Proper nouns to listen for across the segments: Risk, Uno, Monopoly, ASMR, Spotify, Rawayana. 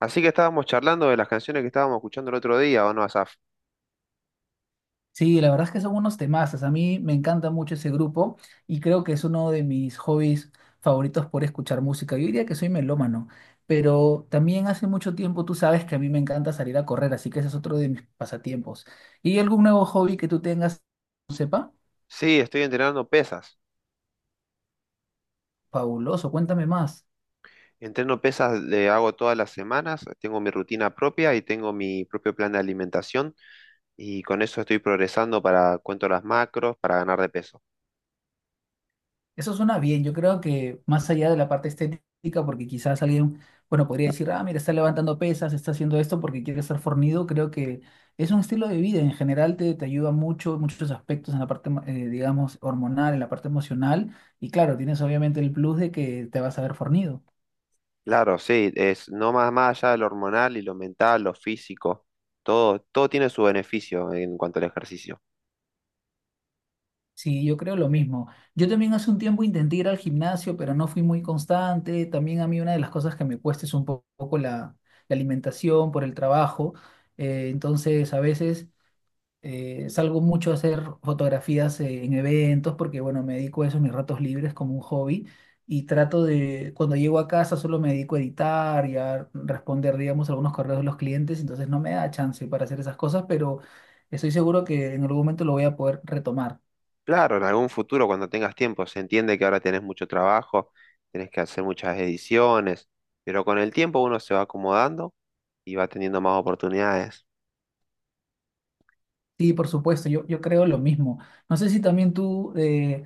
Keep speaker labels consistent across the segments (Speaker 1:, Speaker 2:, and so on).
Speaker 1: Así que estábamos charlando de las canciones que estábamos escuchando el otro día, ¿o no, Asaf?
Speaker 2: Sí, la verdad es que son unos temazos. A mí me encanta mucho ese grupo y creo que es uno de mis hobbies favoritos por escuchar música. Yo diría que soy melómano, pero también hace mucho tiempo tú sabes que a mí me encanta salir a correr, así que ese es otro de mis pasatiempos. ¿Y algún nuevo hobby que tú tengas, sepa?
Speaker 1: Sí, estoy entrenando pesas.
Speaker 2: Fabuloso, cuéntame más.
Speaker 1: Entreno pesas, le hago todas las semanas, tengo mi rutina propia y tengo mi propio plan de alimentación y con eso estoy progresando para, cuento las macros, para ganar de peso.
Speaker 2: Eso suena bien, yo creo que más allá de la parte estética, porque quizás alguien, bueno, podría decir, ah, mira, está levantando pesas, está haciendo esto porque quiere estar fornido, creo que es un estilo de vida, en general te ayuda mucho, muchos aspectos en la parte, digamos, hormonal, en la parte emocional, y claro, tienes obviamente el plus de que te vas a ver fornido.
Speaker 1: Claro, sí, es no más, más allá de lo hormonal y lo mental, lo físico, todo, todo tiene su beneficio en cuanto al ejercicio.
Speaker 2: Sí, yo creo lo mismo. Yo también hace un tiempo intenté ir al gimnasio, pero no fui muy constante, también a mí una de las cosas que me cuesta es un poco la alimentación por el trabajo, entonces a veces... salgo mucho a hacer fotografías en eventos porque, bueno, me dedico a eso en mis ratos libres como un hobby y trato de, cuando llego a casa solo me dedico a editar y a responder, digamos, algunos correos de los clientes, entonces no me da chance para hacer esas cosas, pero estoy seguro que en algún momento lo voy a poder retomar.
Speaker 1: Claro, en algún futuro cuando tengas tiempo, se entiende que ahora tenés mucho trabajo, tenés que hacer muchas ediciones, pero con el tiempo uno se va acomodando y va teniendo más oportunidades.
Speaker 2: Sí, por supuesto, yo creo lo mismo. No sé si también tú...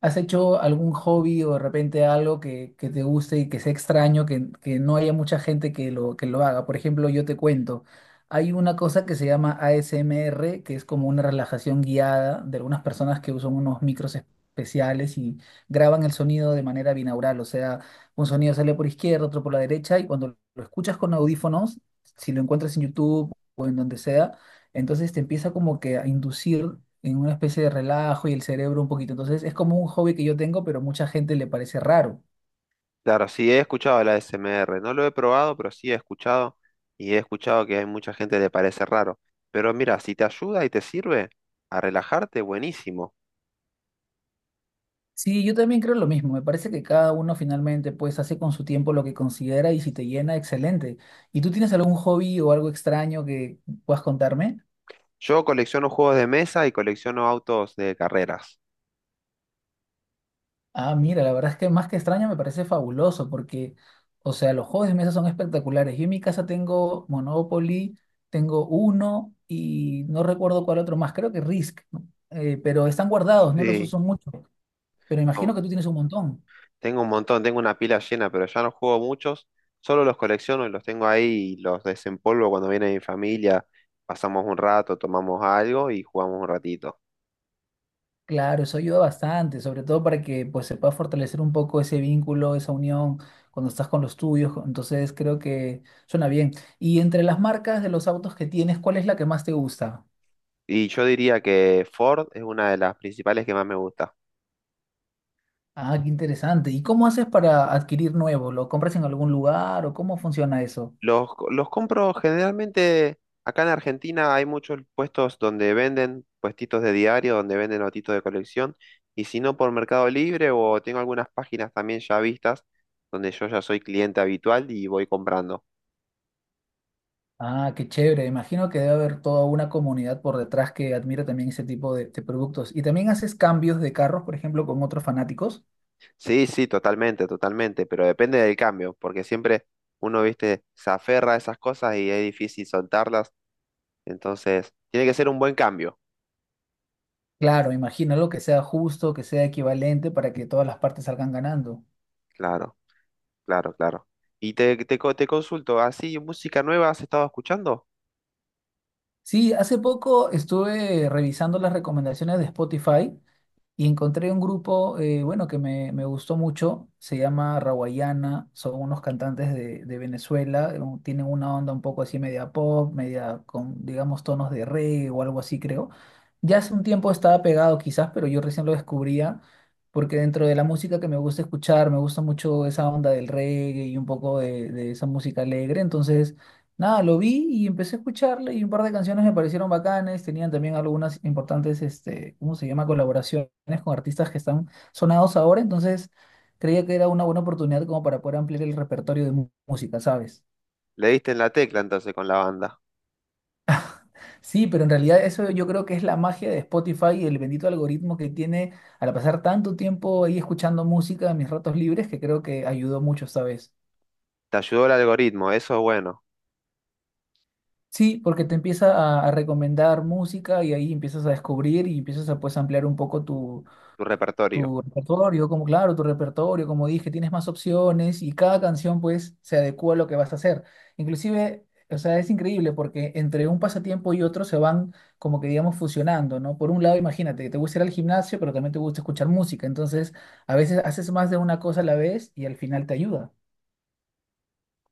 Speaker 2: ¿Has hecho algún hobby o de repente algo que te guste y que sea extraño, que no haya mucha gente que que lo haga? Por ejemplo, yo te cuento, hay una cosa que se llama ASMR, que es como una relajación guiada de algunas personas que usan unos micros especiales y graban el sonido de manera binaural, o sea, un sonido sale por izquierda, otro por la derecha, y cuando lo escuchas con audífonos, si lo encuentras en YouTube o en donde sea, entonces te empieza como que a inducir en una especie de relajo y el cerebro un poquito. Entonces es como un hobby que yo tengo, pero a mucha gente le parece raro.
Speaker 1: Claro, sí he escuchado la SMR, no lo he probado, pero sí he escuchado y he escuchado que hay mucha gente que le parece raro. Pero mira, si te ayuda y te sirve a relajarte, buenísimo.
Speaker 2: Sí, yo también creo lo mismo. Me parece que cada uno finalmente pues hace con su tiempo lo que considera y si te llena, excelente. ¿Y tú tienes algún hobby o algo extraño que puedas contarme?
Speaker 1: Yo colecciono juegos de mesa y colecciono autos de carreras.
Speaker 2: Ah, mira, la verdad es que más que extraño me parece fabuloso porque, o sea, los juegos de mesa son espectaculares. Yo en mi casa tengo Monopoly, tengo Uno y no recuerdo cuál otro más, creo que Risk, ¿no? Pero están guardados, no los
Speaker 1: Sí,
Speaker 2: uso mucho, pero imagino que tú tienes un montón.
Speaker 1: tengo un montón, tengo una pila llena, pero ya no juego muchos, solo los colecciono y los tengo ahí y los desempolvo cuando viene mi familia, pasamos un rato, tomamos algo y jugamos un ratito.
Speaker 2: Claro, eso ayuda bastante, sobre todo para que pues se pueda fortalecer un poco ese vínculo, esa unión cuando estás con los tuyos. Entonces creo que suena bien. Y entre las marcas de los autos que tienes, ¿cuál es la que más te gusta?
Speaker 1: Y yo diría que Ford es una de las principales que más me gusta.
Speaker 2: Ah, qué interesante. ¿Y cómo haces para adquirir nuevo? ¿Lo compras en algún lugar o cómo funciona eso?
Speaker 1: Los compro generalmente, acá en Argentina hay muchos puestos donde venden, puestitos de diario, donde venden notitos de colección, y si no por Mercado Libre o tengo algunas páginas también ya vistas, donde yo ya soy cliente habitual y voy comprando.
Speaker 2: Ah, qué chévere. Imagino que debe haber toda una comunidad por detrás que admira también ese tipo de productos. ¿Y también haces cambios de carros, por ejemplo, con otros fanáticos?
Speaker 1: Sí, sí, totalmente, totalmente, pero depende del cambio, porque siempre uno, viste, se aferra a esas cosas y es difícil soltarlas, entonces tiene que ser un buen cambio,
Speaker 2: Claro, imagino lo que sea justo, que sea equivalente para que todas las partes salgan ganando.
Speaker 1: claro, claro, claro. Y te consulto, ¿así música nueva has estado escuchando?
Speaker 2: Sí, hace poco estuve revisando las recomendaciones de Spotify y encontré un grupo, bueno, que me gustó mucho, se llama Rawayana, son unos cantantes de Venezuela, un- tienen una onda un poco así media pop, media con, digamos, tonos de reggae o algo así, creo. Ya hace un tiempo estaba pegado quizás, pero yo recién lo descubría, porque dentro de la música que me gusta escuchar, me gusta mucho esa onda del reggae y un poco de esa música alegre, entonces nada, lo vi y empecé a escucharle y un par de canciones me parecieron bacanes, tenían también algunas importantes, este, ¿cómo se llama? Colaboraciones con artistas que están sonados ahora, entonces creía que era una buena oportunidad como para poder ampliar el repertorio de música, ¿sabes?
Speaker 1: Le diste en la tecla entonces con la banda,
Speaker 2: Sí, pero en realidad eso yo creo que es la magia de Spotify y el bendito algoritmo que tiene al pasar tanto tiempo ahí escuchando música en mis ratos libres que creo que ayudó mucho esta vez.
Speaker 1: te ayudó el algoritmo, eso es bueno,
Speaker 2: Sí, porque te empieza a recomendar música y ahí empiezas a descubrir y empiezas a pues ampliar un poco tu
Speaker 1: tu repertorio.
Speaker 2: tu repertorio, como dije, tienes más opciones y cada canción pues se adecua a lo que vas a hacer. Inclusive, o sea, es increíble porque entre un pasatiempo y otro se van como que digamos fusionando, ¿no? Por un lado, imagínate, te gusta ir al gimnasio, pero también te gusta escuchar música, entonces a veces haces más de una cosa a la vez y al final te ayuda.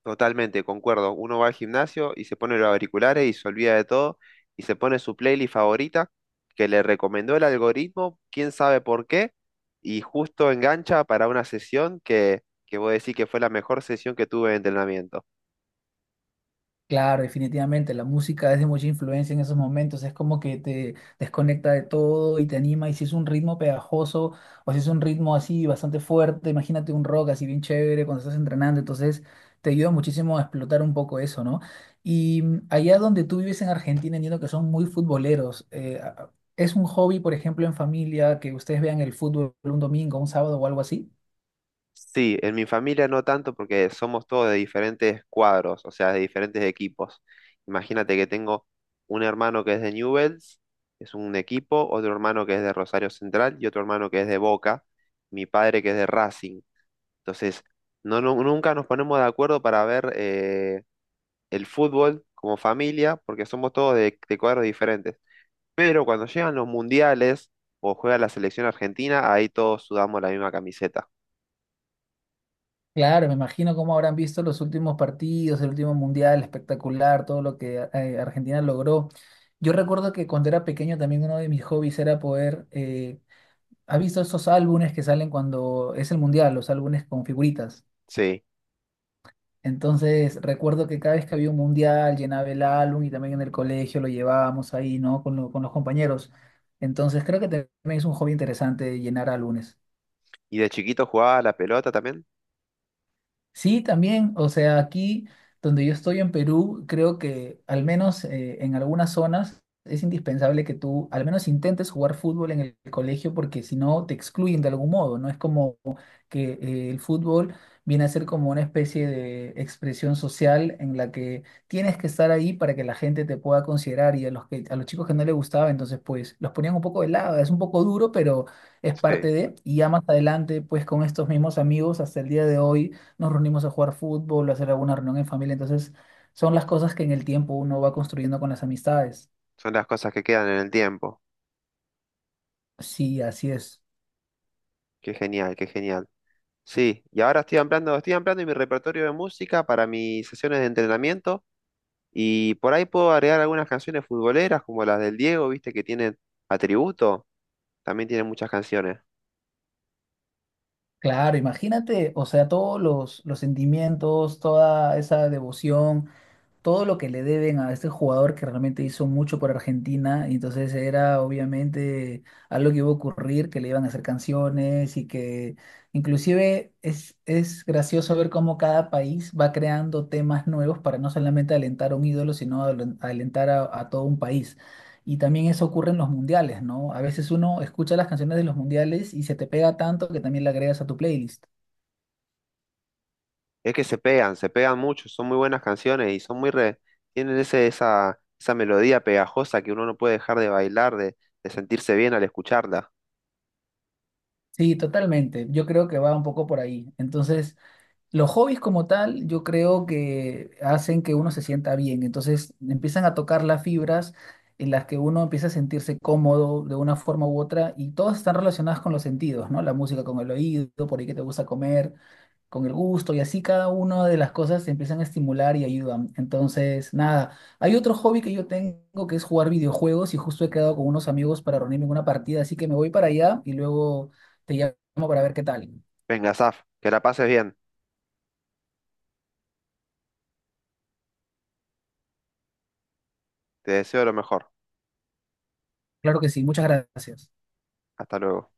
Speaker 1: Totalmente, concuerdo. Uno va al gimnasio y se pone los auriculares y se olvida de todo y se pone su playlist favorita que le recomendó el algoritmo, quién sabe por qué, y justo engancha para una sesión que voy a decir que fue la mejor sesión que tuve de entrenamiento.
Speaker 2: Claro, definitivamente, la música es de mucha influencia en esos momentos, es como que te desconecta de todo y te anima, y si es un ritmo pegajoso o si es un ritmo así bastante fuerte, imagínate un rock así bien chévere cuando estás entrenando, entonces te ayuda muchísimo a explotar un poco eso, ¿no? Y mm, allá donde tú vives en Argentina, entiendo que son muy futboleros, a- ¿es un hobby, por ejemplo, en familia, que ustedes vean el fútbol un domingo, un sábado o algo así?
Speaker 1: Sí, en mi familia no tanto porque somos todos de diferentes cuadros, o sea, de diferentes equipos. Imagínate que tengo un hermano que es de Newell's, es un equipo, otro hermano que es de Rosario Central y otro hermano que es de Boca, mi padre que es de Racing. Entonces, no, nunca nos ponemos de acuerdo para ver el fútbol como familia porque somos todos de cuadros diferentes. Pero cuando llegan los mundiales o juega la selección argentina, ahí todos sudamos la misma camiseta.
Speaker 2: Claro, me imagino cómo habrán visto los últimos partidos, el último mundial espectacular, todo lo que Argentina logró. Yo recuerdo que cuando era pequeño también uno de mis hobbies era poder, ¿has visto esos álbumes que salen cuando es el mundial, los álbumes con figuritas?
Speaker 1: Sí.
Speaker 2: Entonces recuerdo que cada vez que había un mundial llenaba el álbum y también en el colegio lo llevábamos ahí, ¿no? Con, con los compañeros. Entonces creo que también es un hobby interesante llenar álbumes.
Speaker 1: ¿Y de chiquito jugaba a la pelota también?
Speaker 2: Sí, también, o sea, aquí donde yo estoy en Perú, creo que al menos en algunas zonas es indispensable que tú al menos intentes jugar fútbol en el colegio porque si no te excluyen de algún modo, ¿no? Es como que el fútbol viene a ser como una especie de expresión social en la que tienes que estar ahí para que la gente te pueda considerar y a los a los chicos que no les gustaba, entonces pues los ponían un poco de lado, es un poco duro, pero es parte
Speaker 1: Sí,
Speaker 2: de, y ya más adelante pues con estos mismos amigos hasta el día de hoy nos reunimos a jugar fútbol, a hacer alguna reunión en familia. Entonces, son las cosas que en el tiempo uno va construyendo con las amistades.
Speaker 1: son las cosas que quedan en el tiempo.
Speaker 2: Sí, así es.
Speaker 1: Qué genial, qué genial. Sí, y ahora estoy ampliando mi repertorio de música para mis sesiones de entrenamiento y por ahí puedo agregar algunas canciones futboleras como las del Diego, viste, que tienen atributo, también tienen muchas canciones.
Speaker 2: Claro, imagínate, o sea, todos los sentimientos, toda esa devoción todo lo que le deben a este jugador que realmente hizo mucho por Argentina, y entonces era obviamente algo que iba a ocurrir, que le iban a hacer canciones y que inclusive es gracioso ver cómo cada país va creando temas nuevos para no solamente alentar a un ídolo, sino alentar a todo un país. Y también eso ocurre en los mundiales, ¿no? A veces uno escucha las canciones de los mundiales y se te pega tanto que también la agregas a tu playlist.
Speaker 1: Es que se pegan mucho, son muy buenas canciones y son muy tienen esa melodía pegajosa que uno no puede dejar de bailar, de sentirse bien al escucharla.
Speaker 2: Sí, totalmente. Yo creo que va un poco por ahí. Entonces... Los hobbies como tal, yo creo que hacen que uno se sienta bien. Entonces empiezan a tocar las fibras en las que uno empieza a sentirse cómodo de una forma u otra y todas están relacionadas con los sentidos, ¿no? La música con el oído, por ahí que te gusta comer, con el gusto y así cada una de las cosas te empiezan a estimular y ayudan. Entonces, nada, hay otro hobby que yo tengo que es jugar videojuegos y justo he quedado con unos amigos para reunirme en una partida, así que me voy para allá y luego te llamo para ver qué tal.
Speaker 1: Venga, Saf, que la pases bien, te deseo lo mejor.
Speaker 2: Claro que sí, muchas gracias.
Speaker 1: Hasta luego.